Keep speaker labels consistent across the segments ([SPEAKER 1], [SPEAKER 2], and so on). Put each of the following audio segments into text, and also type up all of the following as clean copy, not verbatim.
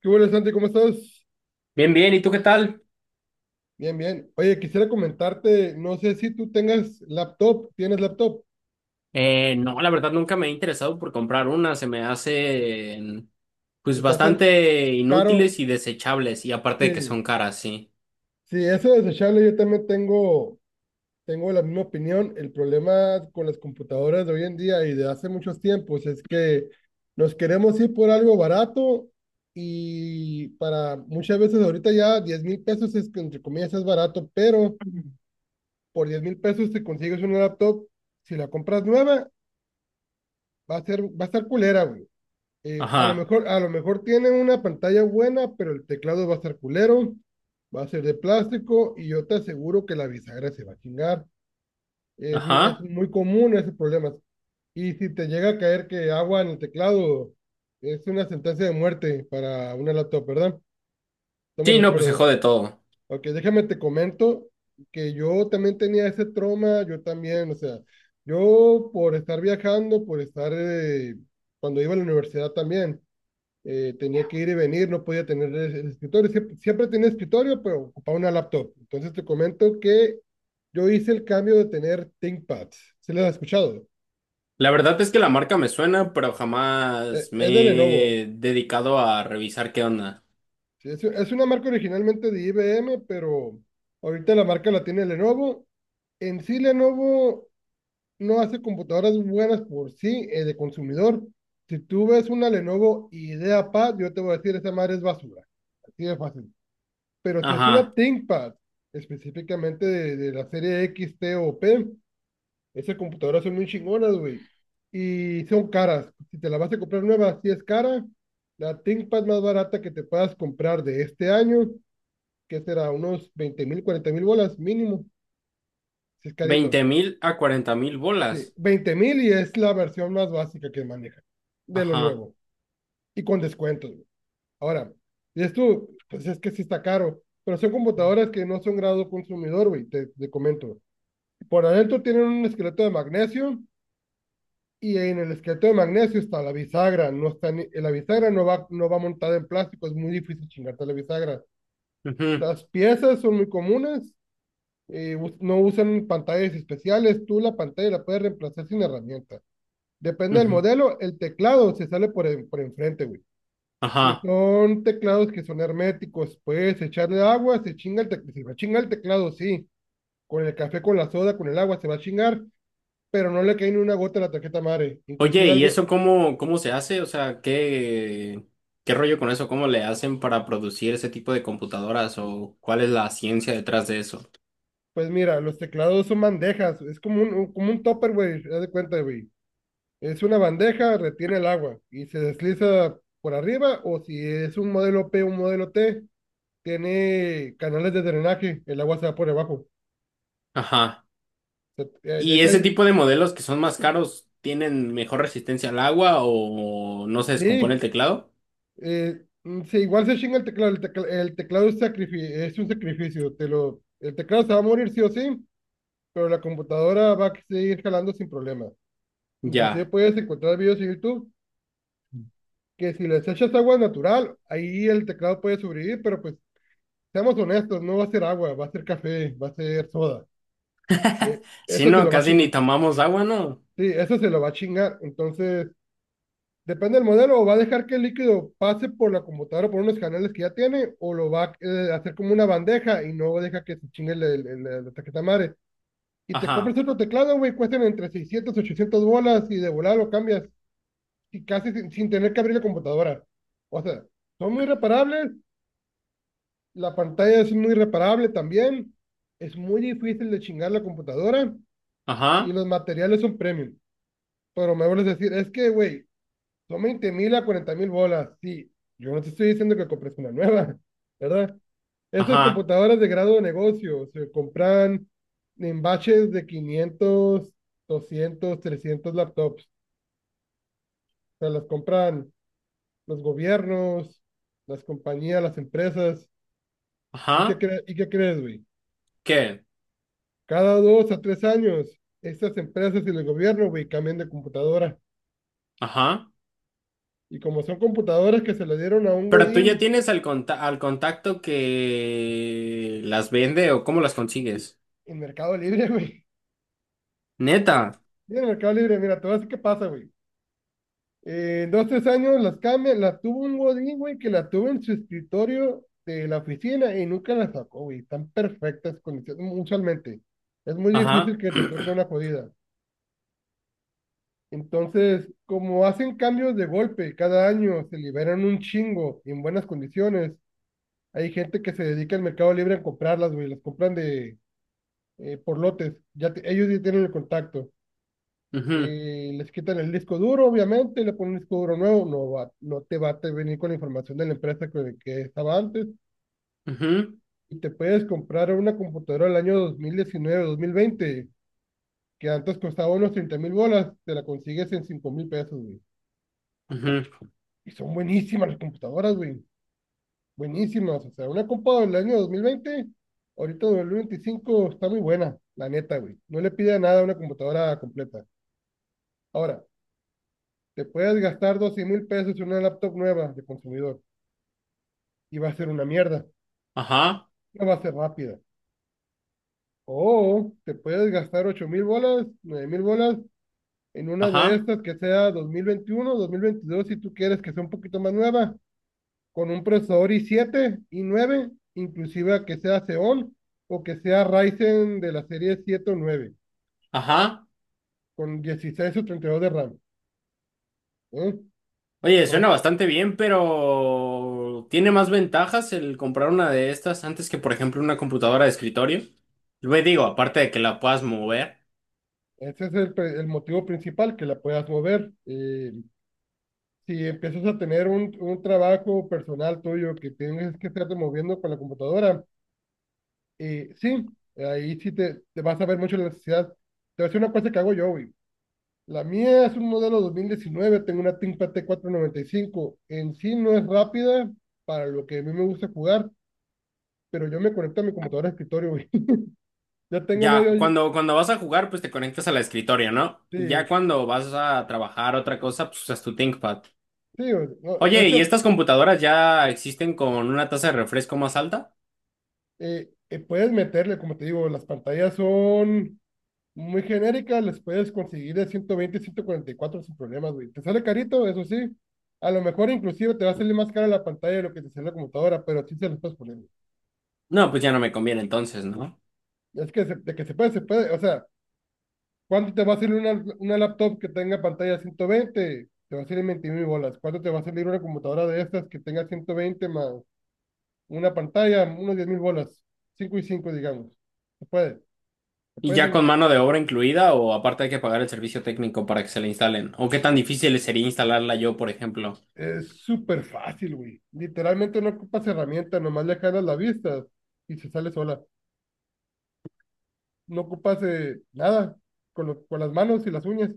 [SPEAKER 1] ¿Qué hubo, Santi? ¿Cómo estás?
[SPEAKER 2] Bien, bien, ¿y tú qué tal?
[SPEAKER 1] Bien, bien. Oye, quisiera comentarte, no sé si tú tengas laptop, ¿tienes laptop?
[SPEAKER 2] No, la verdad nunca me he interesado por comprar una, se me hacen
[SPEAKER 1] ¿Se
[SPEAKER 2] pues
[SPEAKER 1] te hace
[SPEAKER 2] bastante
[SPEAKER 1] caro?
[SPEAKER 2] inútiles y desechables y aparte de que son
[SPEAKER 1] Sí,
[SPEAKER 2] caras, sí.
[SPEAKER 1] sí, eso es desechable, yo también tengo, tengo la misma opinión. El problema con las computadoras de hoy en día y de hace muchos tiempos es que nos queremos ir por algo barato y para muchas veces ahorita ya 10 mil pesos es, que, entre comillas es barato, pero por 10 mil pesos te consigues una laptop, si la compras nueva va a ser, va a estar culera, güey. A lo
[SPEAKER 2] Ajá,
[SPEAKER 1] mejor, a lo mejor tiene una pantalla buena, pero el teclado va a estar culero, va a ser de plástico y yo te aseguro que la bisagra se va a chingar. Es
[SPEAKER 2] ajá.
[SPEAKER 1] muy común ese problema. Y si te llega a caer que agua en el teclado, es una sentencia de muerte para una laptop, ¿verdad? Estamos
[SPEAKER 2] Sí,
[SPEAKER 1] de
[SPEAKER 2] no, pues se
[SPEAKER 1] acuerdo.
[SPEAKER 2] jode todo.
[SPEAKER 1] Ok, déjame te comento que yo también tenía ese trauma, yo también, o sea, yo por estar viajando, por estar, cuando iba a la universidad también, tenía que ir y venir, no podía tener el escritorio, siempre, siempre tenía escritorio, pero ocupaba una laptop. Entonces te comento que yo hice el cambio de tener ThinkPads, ¿sí les has escuchado?
[SPEAKER 2] La verdad es que la marca me suena, pero jamás me
[SPEAKER 1] Es de Lenovo.
[SPEAKER 2] he dedicado a revisar qué onda.
[SPEAKER 1] Sí, es una marca originalmente de IBM, pero ahorita la marca la tiene Lenovo. En sí, Lenovo no hace computadoras buenas por sí, de consumidor. Si tú ves una Lenovo IdeaPad, yo te voy a decir, esa madre es basura. Así de fácil. Pero si es una
[SPEAKER 2] Ajá.
[SPEAKER 1] ThinkPad, específicamente de la serie X, T o P, esas computadoras son muy chingonas, güey. Y son caras. Si te la vas a comprar nueva, sí es cara. La ThinkPad más barata que te puedas comprar de este año, que será unos 20 mil, 40 mil bolas mínimo, si es carito.
[SPEAKER 2] 20.000 a 40.000
[SPEAKER 1] Sí,
[SPEAKER 2] bolas.
[SPEAKER 1] 20 mil y es la versión más básica que maneja de lo
[SPEAKER 2] Ajá.
[SPEAKER 1] nuevo y con descuentos, güey. Ahora, y esto, pues es que sí está caro, pero son computadoras que no son grado consumidor, güey, te comento. Por adentro tienen un esqueleto de magnesio y en el esqueleto de magnesio está la bisagra, no está ni- la bisagra no va, no va montada en plástico, es muy difícil chingarte la bisagra.
[SPEAKER 2] Ujú,
[SPEAKER 1] Las piezas son muy comunes, us- no usan pantallas especiales, tú la pantalla la puedes reemplazar sin herramienta. Depende del
[SPEAKER 2] ujú,
[SPEAKER 1] modelo, el teclado se sale por, en- por enfrente, güey. Y
[SPEAKER 2] ajá.
[SPEAKER 1] son teclados que son herméticos. Puedes echarle agua, se chinga el teclado. Se va a chingar el teclado, sí. Con el café, con la soda, con el agua, se va a chingar, pero no le cae ni una gota a la tarjeta madre.
[SPEAKER 2] Oye,
[SPEAKER 1] Inclusive
[SPEAKER 2] ¿y
[SPEAKER 1] algo,
[SPEAKER 2] eso cómo se hace? O sea, ¿qué rollo con eso? ¿Cómo le hacen para producir ese tipo de computadoras o cuál es la ciencia detrás de eso?
[SPEAKER 1] pues mira, los teclados son bandejas. Es como un- como un topper, güey. Haz de cuenta, güey. Es una bandeja, retiene el agua y se desliza por arriba. O si es un modelo P, un modelo T, tiene canales de drenaje, el agua se va por debajo.
[SPEAKER 2] Ajá.
[SPEAKER 1] Se- de
[SPEAKER 2] ¿Y
[SPEAKER 1] hecho, hay,
[SPEAKER 2] ese tipo de modelos que son más caros tienen mejor resistencia al agua o no se descompone el
[SPEAKER 1] sí,
[SPEAKER 2] teclado?
[SPEAKER 1] sí, igual se chinga el teclado. El, tecla- el teclado es, sacrifi- es un sacrificio. Te lo, el teclado se va a morir sí o sí, pero la computadora va a seguir jalando sin problema. Inclusive
[SPEAKER 2] Ya.
[SPEAKER 1] puedes encontrar videos en YouTube que si les echas agua natural, ahí el teclado puede sobrevivir, pero pues seamos honestos, no va a ser agua, va a ser café, va a ser soda. Eh,
[SPEAKER 2] Si
[SPEAKER 1] Eso se
[SPEAKER 2] no,
[SPEAKER 1] lo va a
[SPEAKER 2] casi ni
[SPEAKER 1] chingar.
[SPEAKER 2] tomamos agua, ¿no?
[SPEAKER 1] Sí, eso se lo va a chingar. Entonces, depende del modelo, o va a dejar que el líquido pase por la computadora, por unos canales que ya tiene, o lo va a hacer como una bandeja y no deja que se chingue el- la tarjeta madre. Y te compras
[SPEAKER 2] Ajá,
[SPEAKER 1] otro teclado, güey, cuestan entre 600, 800 bolas y de volada lo cambias, y casi sin tener que abrir la computadora. O sea, son muy reparables, la pantalla es muy reparable también, es muy difícil de chingar la computadora y
[SPEAKER 2] ajá,
[SPEAKER 1] los materiales son premium. Pero me vuelves a decir, es que, güey, son 20 mil a 40 mil bolas. Sí, yo no te estoy diciendo que compres una nueva, ¿verdad? Estas
[SPEAKER 2] ajá,
[SPEAKER 1] computadoras de grado de negocio se compran en batches de 500 200 300 laptops. O sea, las compran los gobiernos, las compañías, las empresas. ¿Y qué,
[SPEAKER 2] ajá.
[SPEAKER 1] cre- y qué crees, güey?
[SPEAKER 2] ¿Qué?
[SPEAKER 1] Cada 2 a 3 años, estas empresas y el gobierno, güey, cambian de computadora.
[SPEAKER 2] Ajá.
[SPEAKER 1] Y como son computadoras que se le dieron a un
[SPEAKER 2] Pero tú ya
[SPEAKER 1] Godín
[SPEAKER 2] tienes al al contacto que las vende o cómo las consigues.
[SPEAKER 1] en Mercado Libre, güey.
[SPEAKER 2] Neta.
[SPEAKER 1] Eh, Mira, Mercado Libre, mira, te voy a decir qué pasa, güey. En 2, 3 años las cambian, las tuvo un godín, güey, que la tuvo en su escritorio de la oficina y nunca la sacó, güey. Están perfectas condiciones, usualmente. Es muy difícil
[SPEAKER 2] Ajá.
[SPEAKER 1] que te toque una jodida. Entonces, como hacen cambios de golpe cada año, se liberan un chingo y en buenas condiciones. Hay gente que se dedica al Mercado Libre a comprarlas, güey, las compran de por lotes. Ya te- ellos ya tienen el contacto.
[SPEAKER 2] Ujú,
[SPEAKER 1] Les quitan el disco duro, obviamente, le ponen un disco duro nuevo, no va, no te va a te venir con la información de la empresa que estaba antes,
[SPEAKER 2] ujú,
[SPEAKER 1] y te puedes comprar una computadora del año dos mil diecinueve dos mil veinte que antes costaba unos 30 mil bolas, te la consigues en 5 mil pesos, güey.
[SPEAKER 2] ujú.
[SPEAKER 1] Y son buenísimas las computadoras, güey, buenísimas, o sea, una computadora del año 2020, ahorita 2025 está muy buena, la neta, güey, no le pide nada a una computadora completa. Ahora, te puedes gastar 12 mil pesos en una laptop nueva de consumidor y va a ser una mierda.
[SPEAKER 2] Ajá,
[SPEAKER 1] No va a ser rápida. O te puedes gastar 8 mil bolas, 9 mil bolas en una de
[SPEAKER 2] ajá,
[SPEAKER 1] estas que sea dos mil veintiuno dos mil veintidós si tú quieres que sea un poquito más nueva, con un procesador i7 i9 inclusive que sea Xeon o que sea Ryzen de la serie 7 o 9
[SPEAKER 2] ajá.
[SPEAKER 1] con 16 o 32 de RAM. ¿Eh?
[SPEAKER 2] Oye,
[SPEAKER 1] Por
[SPEAKER 2] suena
[SPEAKER 1] ocho-
[SPEAKER 2] bastante bien, pero ¿tiene más ventajas el comprar una de estas antes que, por ejemplo, una computadora de escritorio? Lo digo, aparte de que la puedas mover.
[SPEAKER 1] Ese es el, pre- el motivo principal, que la puedas mover. Si empiezas a tener un trabajo personal tuyo que tienes que estarte moviendo con la computadora, sí, ahí sí te vas a ver mucho la necesidad. Te voy a decir una cosa que hago yo, güey. La mía es un modelo 2019, tengo una ThinkPad T495. En sí no es rápida para lo que a mí me gusta jugar, pero yo me conecto a mi computadora de escritorio, güey. Ya tengo
[SPEAKER 2] Ya,
[SPEAKER 1] medio...
[SPEAKER 2] cuando vas a jugar, pues te conectas a la escritorio, ¿no? Y ya
[SPEAKER 1] Sí,
[SPEAKER 2] cuando vas a trabajar otra cosa, pues usas tu ThinkPad.
[SPEAKER 1] sí, güey. No, de
[SPEAKER 2] Oye, ¿y
[SPEAKER 1] hecho,
[SPEAKER 2] estas computadoras ya existen con una tasa de refresco más alta?
[SPEAKER 1] puedes meterle, como te digo, las pantallas son muy genérica, las puedes conseguir de 120 144 sin problemas, güey. Te sale carito, eso sí. A lo mejor inclusive te va a salir más cara la pantalla de lo que te sale la computadora, pero sí se las puedes poner, güey.
[SPEAKER 2] No, pues ya no me conviene entonces, ¿no?
[SPEAKER 1] Es que se- de que se puede, se puede. O sea, ¿cuánto te va a salir una laptop que tenga pantalla 120? Te va a salir 20 mil bolas. ¿Cuánto te va a salir una computadora de estas que tenga 120 más una pantalla? Unos 10 mil bolas. Cinco y 5 digamos. Se puede. Se
[SPEAKER 2] ¿Y ya
[SPEAKER 1] puede.
[SPEAKER 2] con mano de obra incluida o aparte hay que pagar el servicio técnico para que se la instalen? ¿O qué tan difícil sería instalarla yo, por ejemplo?
[SPEAKER 1] Es súper fácil, güey. Literalmente no ocupas herramienta, nomás le jalas la vista y se sale sola. No ocupas nada con, lo- con las manos y las uñas.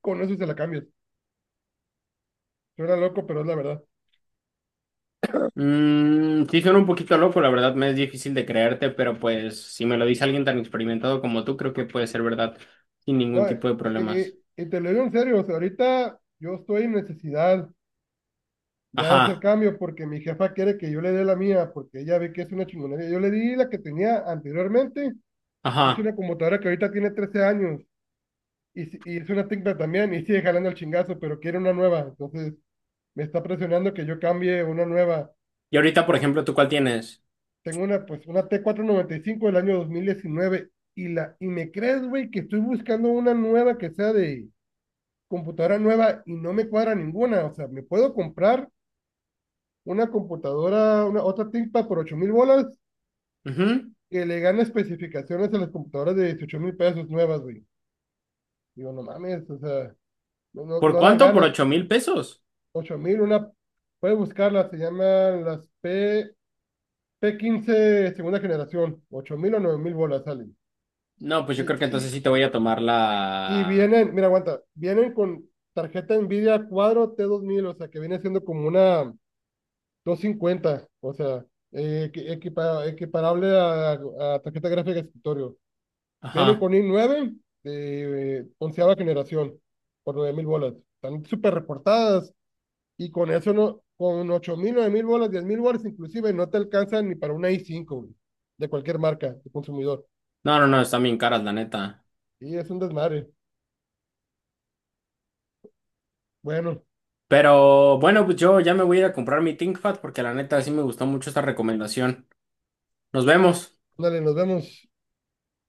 [SPEAKER 1] Con eso se la cambias. Suena loco, pero es la verdad.
[SPEAKER 2] Mm, sí, suena un poquito loco, la verdad me es difícil de creerte, pero pues si me lo dice alguien tan experimentado como tú, creo que puede ser verdad sin ningún
[SPEAKER 1] No,
[SPEAKER 2] tipo de problemas.
[SPEAKER 1] y te lo digo en serio, o sea, ahorita yo estoy en necesidad ya de hacer
[SPEAKER 2] Ajá,
[SPEAKER 1] cambio porque mi jefa quiere que yo le dé la mía porque ella ve que es una chingonería. Yo le di la que tenía anteriormente. Es
[SPEAKER 2] ajá.
[SPEAKER 1] una computadora que ahorita tiene 13 años si- y es una técnica también y sigue jalando el chingazo, pero quiere una nueva. Entonces, me está presionando que yo cambie una nueva.
[SPEAKER 2] Y ahorita, por ejemplo, ¿tú cuál tienes?
[SPEAKER 1] Tengo una, pues, una T495 del año 2019 y me crees, güey, que estoy buscando una nueva que sea de computadora nueva y no me cuadra ninguna. O sea, me puedo comprar una computadora, una otra ThinkPad por 8 mil bolas
[SPEAKER 2] Ujú.
[SPEAKER 1] que le gana especificaciones a las computadoras de 18 mil pesos nuevas, güey. Digo, no mames, o sea,
[SPEAKER 2] ¿Por
[SPEAKER 1] no dan
[SPEAKER 2] cuánto? ¿Por
[SPEAKER 1] ganas.
[SPEAKER 2] 8.000 pesos?
[SPEAKER 1] Ocho mil, una, puedes buscarlas, se llaman las P, P15 segunda generación, 8 mil o 9 mil bolas sale.
[SPEAKER 2] No, pues yo
[SPEAKER 1] Y,
[SPEAKER 2] creo que entonces
[SPEAKER 1] y,
[SPEAKER 2] sí te voy a tomar
[SPEAKER 1] y
[SPEAKER 2] la...
[SPEAKER 1] vienen, mira, aguanta, vienen con tarjeta Nvidia Quadro T2000, o sea, que viene siendo como una 250, o sea, equi- equipa- equiparable a tarjeta gráfica de escritorio. Vienen
[SPEAKER 2] Ajá.
[SPEAKER 1] con i9 de onceava generación, por 9 mil bolas. Están súper reportadas y con eso no, con 8 mil 9 mil bolas, 10 mil bolas inclusive, no te alcanzan ni para una i5 güey, de cualquier marca, de consumidor.
[SPEAKER 2] No, no, no, están bien caras, la neta.
[SPEAKER 1] Y es un desmadre. Bueno,
[SPEAKER 2] Pero bueno, pues yo ya me voy a ir a comprar mi ThinkPad porque la neta sí me gustó mucho esta recomendación. Nos vemos.
[SPEAKER 1] dale, nos vemos.